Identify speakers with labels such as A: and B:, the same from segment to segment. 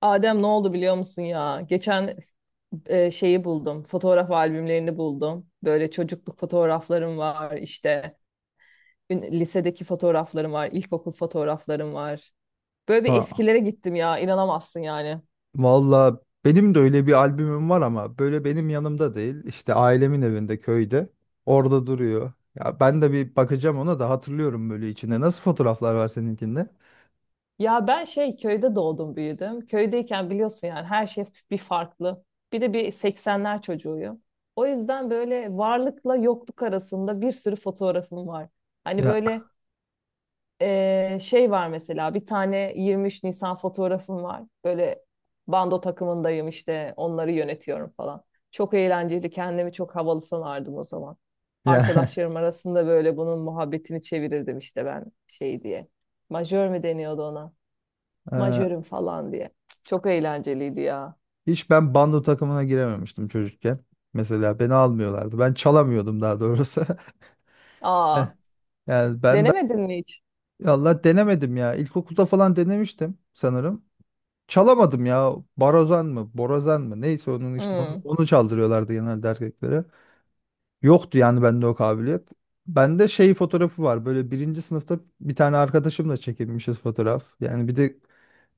A: Adem ne oldu biliyor musun ya? Geçen şeyi buldum. Fotoğraf albümlerini buldum. Böyle çocukluk fotoğraflarım var işte. Lisedeki fotoğraflarım var. İlkokul fotoğraflarım var. Böyle bir
B: Ha,
A: eskilere gittim ya. İnanamazsın yani.
B: valla benim de öyle bir albümüm var ama böyle benim yanımda değil. İşte ailemin evinde köyde. Orada duruyor. Ya ben de bir bakacağım ona da hatırlıyorum böyle içinde. Nasıl fotoğraflar var seninkinde?
A: Ya ben şey köyde doğdum büyüdüm. Köydeyken biliyorsun yani her şey bir farklı. Bir de bir 80'ler çocuğuyum. O yüzden böyle varlıkla yokluk arasında bir sürü fotoğrafım var. Hani
B: Ya,
A: böyle şey var mesela bir tane 23 Nisan fotoğrafım var. Böyle bando takımındayım işte onları yönetiyorum falan. Çok eğlenceli kendimi çok havalı sanardım o zaman.
B: ya,
A: Arkadaşlarım arasında böyle bunun muhabbetini çevirirdim işte ben şey diye. Majör mü deniyordu ona? Majörüm falan diye. Çok eğlenceliydi ya.
B: hiç ben bando takımına girememiştim çocukken. Mesela beni almıyorlardı. Ben çalamıyordum daha doğrusu. Eh,
A: Aa,
B: Yani ben de
A: denemedin mi hiç?
B: Allah denemedim ya. İlkokulda falan denemiştim sanırım. Çalamadım ya. Barozan mı? Borazan mı? Neyse onun işte onu,
A: Hmm,
B: onu çaldırıyorlardı genelde erkeklere. Yoktu yani bende o kabiliyet. Bende şey fotoğrafı var. Böyle birinci sınıfta bir tane arkadaşımla çekilmişiz fotoğraf. Yani bir de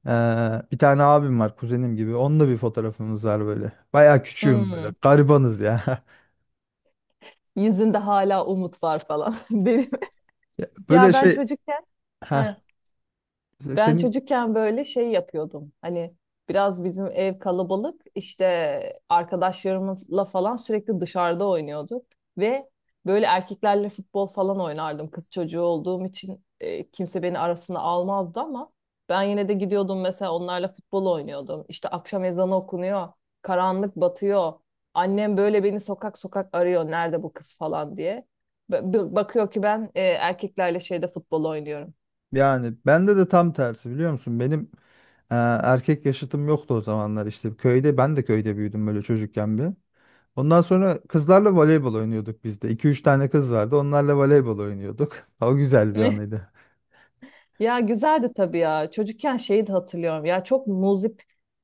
B: bir tane abim var kuzenim gibi. Onunla bir fotoğrafımız var böyle. Bayağı küçüğüm
A: hmm.
B: böyle. Garibanız ya.
A: Yüzünde hala umut var falan. Benim.
B: Ya Böyle
A: Ya ben
B: şey
A: çocukken He.
B: ha
A: Ben
B: senin
A: çocukken böyle şey yapıyordum. Hani biraz bizim ev kalabalık. İşte arkadaşlarımızla falan sürekli dışarıda oynuyorduk. Ve böyle erkeklerle futbol falan oynardım. Kız çocuğu olduğum için kimse beni arasına almazdı ama ben yine de gidiyordum mesela onlarla futbol oynuyordum. İşte akşam ezanı okunuyor. Karanlık batıyor. Annem böyle beni sokak sokak arıyor. Nerede bu kız falan diye. Bakıyor ki ben erkeklerle şeyde futbol oynuyorum.
B: yani bende de tam tersi biliyor musun? Benim eee, erkek yaşıtım yoktu o zamanlar işte. Köyde ben de köyde büyüdüm böyle çocukken bir. Ondan sonra kızlarla voleybol oynuyorduk biz de. 2 üç tane kız vardı. Onlarla voleybol oynuyorduk. O güzel bir anıydı.
A: Ya güzeldi tabii ya. Çocukken şeyi de hatırlıyorum. Ya çok muzip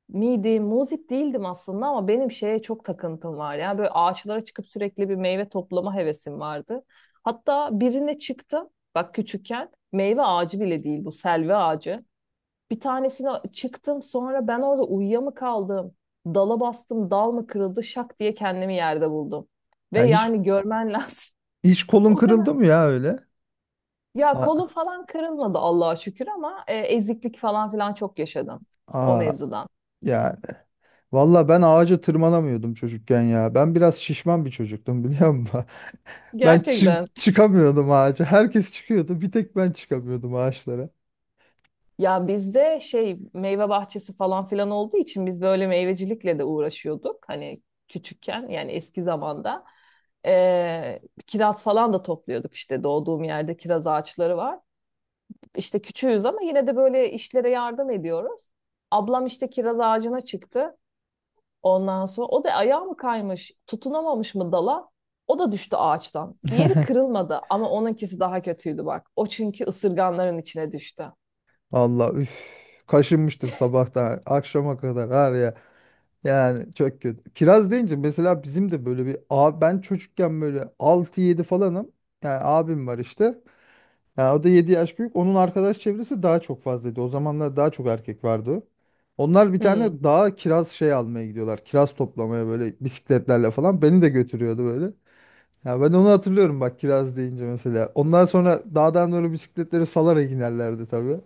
A: miydim? Muzip değildim aslında ama benim şeye çok takıntım var. Ya böyle ağaçlara çıkıp sürekli bir meyve toplama hevesim vardı. Hatta birine çıktım. Bak küçükken meyve ağacı bile değil bu selvi ağacı. Bir tanesine çıktım sonra ben orada uyuya mı kaldım? Dala bastım dal mı kırıldı şak diye kendimi yerde buldum. Ve
B: Ya hiç,
A: yani görmen lazım.
B: hiç kolun
A: O kadar
B: kırıldı mı ya öyle?
A: ya kolum
B: A-
A: falan kırılmadı Allah'a şükür ama eziklik falan filan çok yaşadım o
B: Aa,
A: mevzudan.
B: yani. Valla ben ağaca tırmanamıyordum çocukken ya. Ben biraz şişman bir çocuktum biliyor musun? Ben
A: Gerçekten.
B: çıkamıyordum ağaca. Herkes çıkıyordu. Bir tek ben çıkamıyordum ağaçlara.
A: Ya bizde şey meyve bahçesi falan filan olduğu için biz böyle meyvecilikle de uğraşıyorduk. Hani küçükken yani eski zamanda. E, Kiraz falan da topluyorduk işte doğduğum yerde kiraz ağaçları var. İşte küçüğüz ama yine de böyle işlere yardım ediyoruz. Ablam işte kiraz ağacına çıktı. Ondan sonra o da ayağı mı kaymış, tutunamamış mı dala? O da düştü ağaçtan. Bir yeri kırılmadı ama onunkisi daha kötüydü bak. O çünkü ısırganların içine düştü.
B: Valla üf. Kaşınmıştır sabahtan akşama kadar var ya. Yani çok kötü. Kiraz deyince mesela bizim de böyle bir abi ben çocukken böyle altı yedi falanım. Yani abim var işte. Ya o da 7 yaş büyük. Onun arkadaş çevresi daha çok fazlaydı. O zamanlar daha çok erkek vardı. Onlar bir
A: Hmm.
B: tane dağa kiraz şey almaya gidiyorlar. Kiraz toplamaya böyle bisikletlerle falan. Beni de götürüyordu böyle. Ya ben onu hatırlıyorum bak kiraz deyince mesela. Ondan sonra dağdan doğru bisikletleri salarak inerlerdi tabii.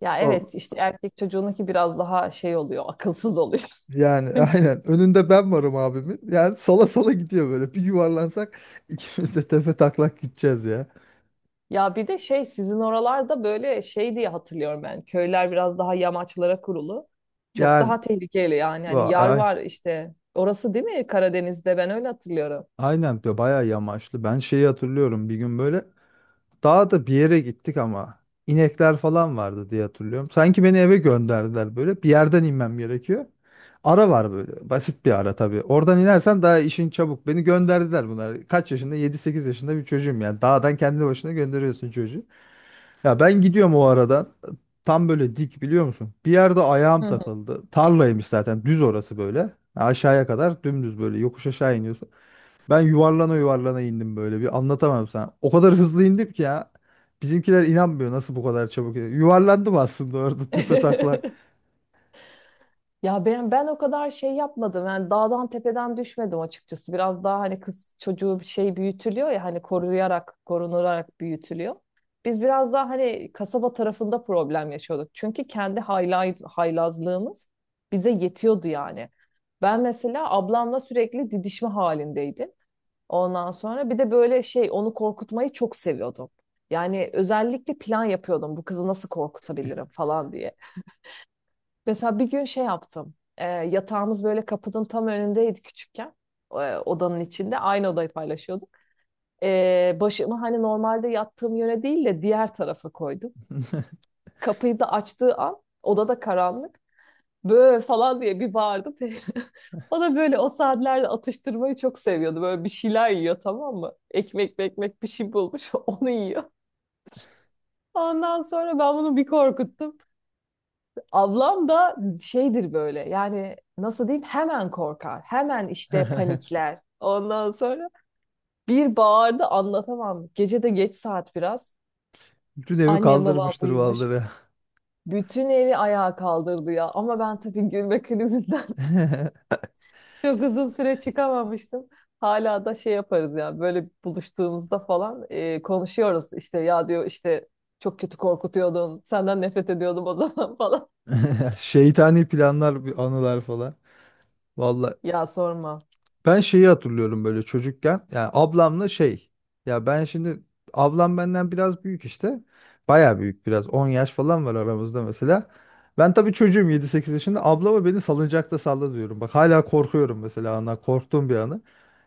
A: Ya
B: O,
A: evet işte erkek çocuğununki biraz daha şey oluyor, akılsız oluyor.
B: yani aynen. Önünde ben varım abimin. Yani sala sala gidiyor böyle. Bir yuvarlansak ikimiz de tepe taklak gideceğiz ya.
A: Ya bir de şey sizin oralarda böyle şey diye hatırlıyorum ben. Köyler biraz daha yamaçlara kurulu. Çok
B: Yani
A: daha tehlikeli yani. Hani
B: va-
A: yar
B: ay-
A: var işte. Orası değil mi Karadeniz'de? Ben öyle hatırlıyorum.
B: aynen diyor, bayağı yamaçlı. Ben şeyi hatırlıyorum bir gün böyle. Daha da bir yere gittik ama inekler falan vardı diye hatırlıyorum. Sanki beni eve gönderdiler böyle. Bir yerden inmem gerekiyor. Ara var böyle. Basit bir ara tabii. Oradan inersen daha işin çabuk. Beni gönderdiler bunlar. Kaç yaşında? 7-8 yaşında bir çocuğum yani. Dağdan kendi başına gönderiyorsun çocuğu. Ya ben gidiyorum o aradan. Tam böyle dik biliyor musun? Bir yerde ayağım
A: Hı
B: takıldı. Tarlaymış zaten. Düz orası böyle. Aşağıya kadar dümdüz böyle yokuş aşağı iniyorsun. Ben yuvarlana yuvarlana indim böyle bir anlatamam sana. O kadar hızlı indim ki ya. Bizimkiler inanmıyor nasıl bu kadar çabuk. Yuvarlandım aslında orada tepe taklak.
A: hı. Ya ben o kadar şey yapmadım. Yani dağdan tepeden düşmedim açıkçası. Biraz daha hani kız çocuğu bir şey büyütülüyor ya hani koruyarak, korunularak büyütülüyor. Biz biraz daha hani kasaba tarafında problem yaşıyorduk. Çünkü kendi haylazlığımız bize yetiyordu yani. Ben mesela ablamla sürekli didişme halindeydim. Ondan sonra bir de böyle şey onu korkutmayı çok seviyordum. Yani özellikle plan yapıyordum bu kızı nasıl korkutabilirim falan diye. Mesela bir gün şey yaptım. Yatağımız böyle kapının tam önündeydi küçükken. Odanın içinde. Aynı odayı paylaşıyorduk. Başımı hani normalde yattığım yöne değil de diğer tarafa koydum. Kapıyı da açtığı an odada karanlık. Böyle falan diye bir bağırdı. O da böyle o saatlerde atıştırmayı çok seviyordu. Böyle bir şeyler yiyor tamam mı? Ekmek ekmek bir şey bulmuş onu yiyor. Ondan sonra ben bunu bir korkuttum. Ablam da şeydir böyle yani nasıl diyeyim hemen korkar. Hemen işte panikler. Ondan sonra bir bağırdı anlatamam. Gece de geç saat biraz.
B: Bütün evi
A: Annem babam
B: kaldırmıştır
A: uyumuş.
B: vallahi.
A: Bütün evi ayağa kaldırdı ya. Ama ben tabii gülme krizinden çok uzun süre çıkamamıştım. Hala da şey yaparız ya böyle buluştuğumuzda falan konuşuyoruz. İşte ya diyor işte çok kötü korkutuyordun. Senden nefret ediyordum o zaman falan.
B: Şeytani planlar, bir anılar falan. Vallahi
A: Ya sorma.
B: ben şeyi hatırlıyorum böyle çocukken. Yani ablamla şey. Ya ben şimdi ablam benden biraz büyük işte. Baya büyük biraz. 10 yaş falan var aramızda mesela. Ben tabii çocuğum 7-8 yaşında. Ablama beni salıncakta salla diyorum. Bak hala korkuyorum mesela ana. Korktuğum bir anı.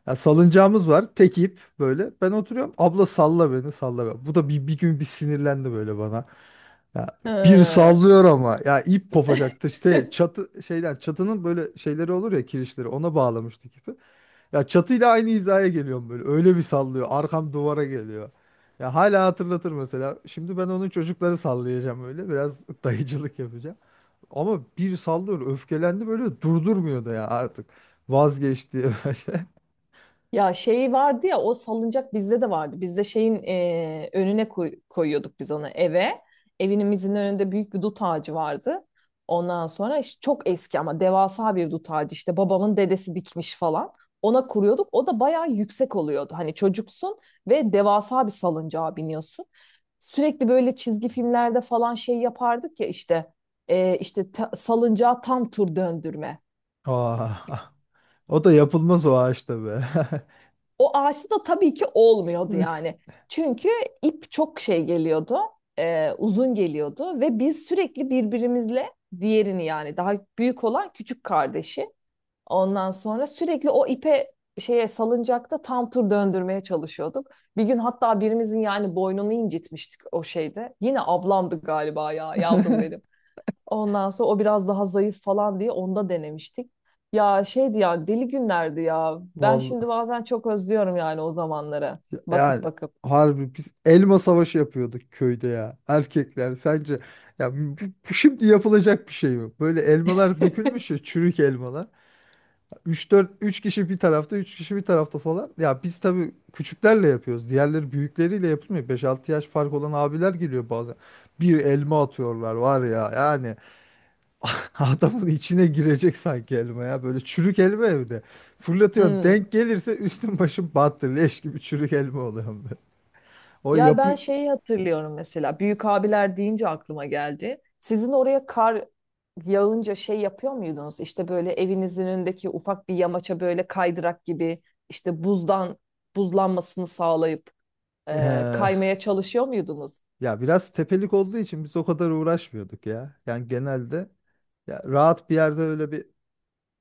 B: Ya salıncağımız var. Tek ip böyle. Ben oturuyorum. Abla salla beni, salla beni. Bu da bir gün bir sinirlendi böyle bana. Ya bir
A: He.
B: sallıyor ama ya ip kopacaktı işte çatı şeyden çatının böyle şeyleri olur ya, kirişleri ona bağlamıştık ipi. Ya çatıyla aynı hizaya geliyorum böyle. Öyle bir sallıyor. Arkam duvara geliyor. Ya hala hatırlatır mesela. Şimdi ben onun çocukları sallayacağım öyle. Biraz dayıcılık yapacağım. Ama bir sallıyor. Öfkelendi böyle, durdurmuyor da ya artık. Vazgeçti böyle.
A: Ya şey vardı ya o salıncak bizde de vardı. Bizde şeyin önüne koyuyorduk biz onu eve. Evimizin önünde büyük bir dut ağacı vardı. Ondan sonra işte çok eski ama devasa bir dut ağacı işte babamın dedesi dikmiş falan. Ona kuruyorduk. O da bayağı yüksek oluyordu. Hani çocuksun ve devasa bir salıncağa biniyorsun. Sürekli böyle çizgi filmlerde falan şey yapardık ya işte işte salıncağa tam tur döndürme.
B: Aa, o da yapılmaz o ağaçta be.
A: O ağaçta da tabii ki olmuyordu yani. Çünkü ip çok şey geliyordu, uzun geliyordu ve biz sürekli birbirimizle diğerini yani daha büyük olan küçük kardeşi ondan sonra sürekli o ipe şeye salıncakta tam tur döndürmeye çalışıyorduk. Bir gün hatta birimizin yani boynunu incitmiştik o şeyde. Yine ablamdı galiba ya yavrum benim. Ondan sonra o biraz daha zayıf falan diye onda denemiştik. Ya şeydi ya deli günlerdi ya. Ben
B: Vallahi
A: şimdi bazen çok özlüyorum yani o zamanları. Bakıp
B: yani
A: bakıp.
B: harbi biz elma savaşı yapıyorduk köyde ya. Erkekler sence ya bu şimdi yapılacak bir şey mi? Böyle elmalar dökülmüş ya, çürük elmalar. Üç dört, üç kişi bir tarafta 3 kişi bir tarafta falan. Ya biz tabii küçüklerle yapıyoruz. Diğerleri büyükleriyle yapılmıyor. 5-6 yaş fark olan abiler geliyor bazen. Bir elma atıyorlar var ya yani adamın içine girecek sanki elma ya. Böyle çürük elma evde. Fırlatıyorsun,
A: Hmm.
B: denk gelirse üstün başın battı. Leş gibi çürük elma oluyor böyle. O
A: Ya
B: yapı
A: ben şeyi hatırlıyorum mesela. Büyük abiler deyince aklıma geldi. Sizin oraya kar yağınca şey yapıyor muydunuz? İşte böyle evinizin önündeki ufak bir yamaça böyle kaydırak gibi işte buzdan buzlanmasını sağlayıp
B: Eee,
A: kaymaya çalışıyor muydunuz?
B: ya biraz tepelik olduğu için biz o kadar uğraşmıyorduk ya. Yani genelde ya rahat bir yerde öyle bir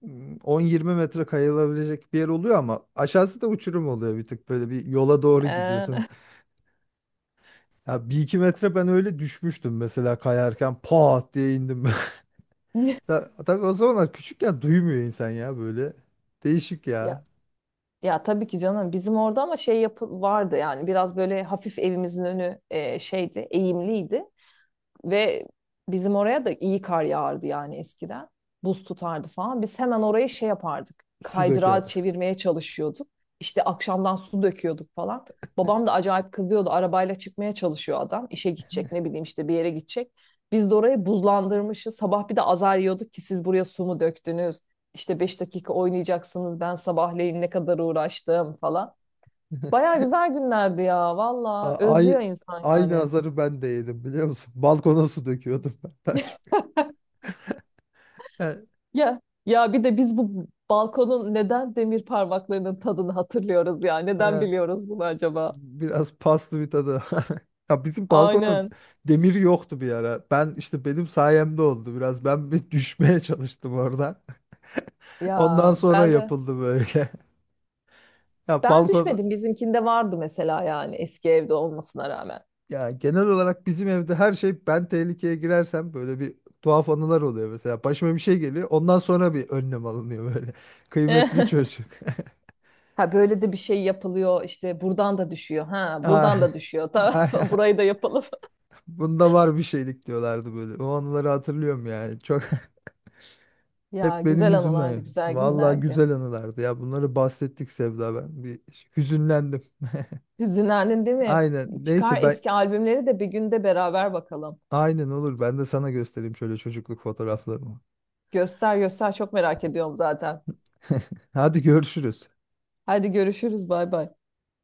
B: 10-20 metre kayılabilecek bir yer oluyor ama aşağısı da uçurum oluyor, bir tık böyle bir yola doğru
A: Ee,
B: gidiyorsun. Ya 1-2 metre ben öyle düşmüştüm mesela kayarken, pat diye indim. Tabii o zamanlar küçükken duymuyor insan ya böyle. Değişik
A: Ya
B: ya.
A: Ya tabii ki canım bizim orada ama şey yapı vardı yani biraz böyle hafif evimizin önü şeydi eğimliydi. Ve bizim oraya da iyi kar yağardı yani eskiden. Buz tutardı falan. Biz hemen orayı şey yapardık.
B: Su
A: Kaydırağı
B: döker.
A: çevirmeye çalışıyorduk. İşte akşamdan su döküyorduk falan. Babam da acayip kızıyordu. Arabayla çıkmaya çalışıyor adam. İşe gidecek ne bileyim işte bir yere gidecek. Biz de orayı buzlandırmışız. Sabah bir de azar yiyorduk ki siz buraya su mu döktünüz? İşte 5 dakika oynayacaksınız. Ben sabahleyin ne kadar uğraştım falan. Baya güzel günlerdi ya valla.
B: Ay,
A: Özlüyor insan
B: aynı
A: yani.
B: azarı ben de yedim biliyor musun? Balkona su döküyordum ben daha çok. Yani,
A: Ya ya bir de biz bu balkonun neden demir parmaklarının tadını hatırlıyoruz ya? Neden biliyoruz bunu acaba?
B: biraz paslı bir tadı. Ya bizim balkona
A: Aynen.
B: demir yoktu bir ara. Ben işte benim sayemde oldu biraz. Ben bir düşmeye çalıştım orada. Ondan
A: Ya
B: sonra
A: ben de
B: yapıldı böyle. Ya
A: ben
B: balkon
A: düşmedim. Bizimkinde vardı mesela yani eski evde olmasına rağmen.
B: ya genel olarak bizim evde her şey ben tehlikeye girersem böyle bir tuhaf anılar oluyor mesela. Başıma bir şey geliyor. Ondan sonra bir önlem alınıyor böyle. Kıymetli çocuk.
A: Ha böyle de bir şey yapılıyor işte buradan da düşüyor. Ha
B: Ah,
A: buradan da düşüyor. Tamam
B: ah,
A: burayı da yapalım.
B: bunda var bir şeylik diyorlardı böyle. O anıları hatırlıyorum yani.
A: Ya
B: Hep benim
A: güzel anılardı,
B: yüzümden.
A: güzel
B: Vallahi
A: günlerdi.
B: güzel anılardı ya. Bunları bahsettik Sevda, ben bir hüzünlendim.
A: Hüzünlendin değil mi?
B: Aynen.
A: Çıkar
B: Neyse ben,
A: eski albümleri de bir günde beraber bakalım.
B: aynen olur. Ben de sana göstereyim şöyle çocukluk fotoğraflarımı.
A: Göster göster çok merak ediyorum zaten.
B: Hadi görüşürüz.
A: Hadi görüşürüz. Bay bay.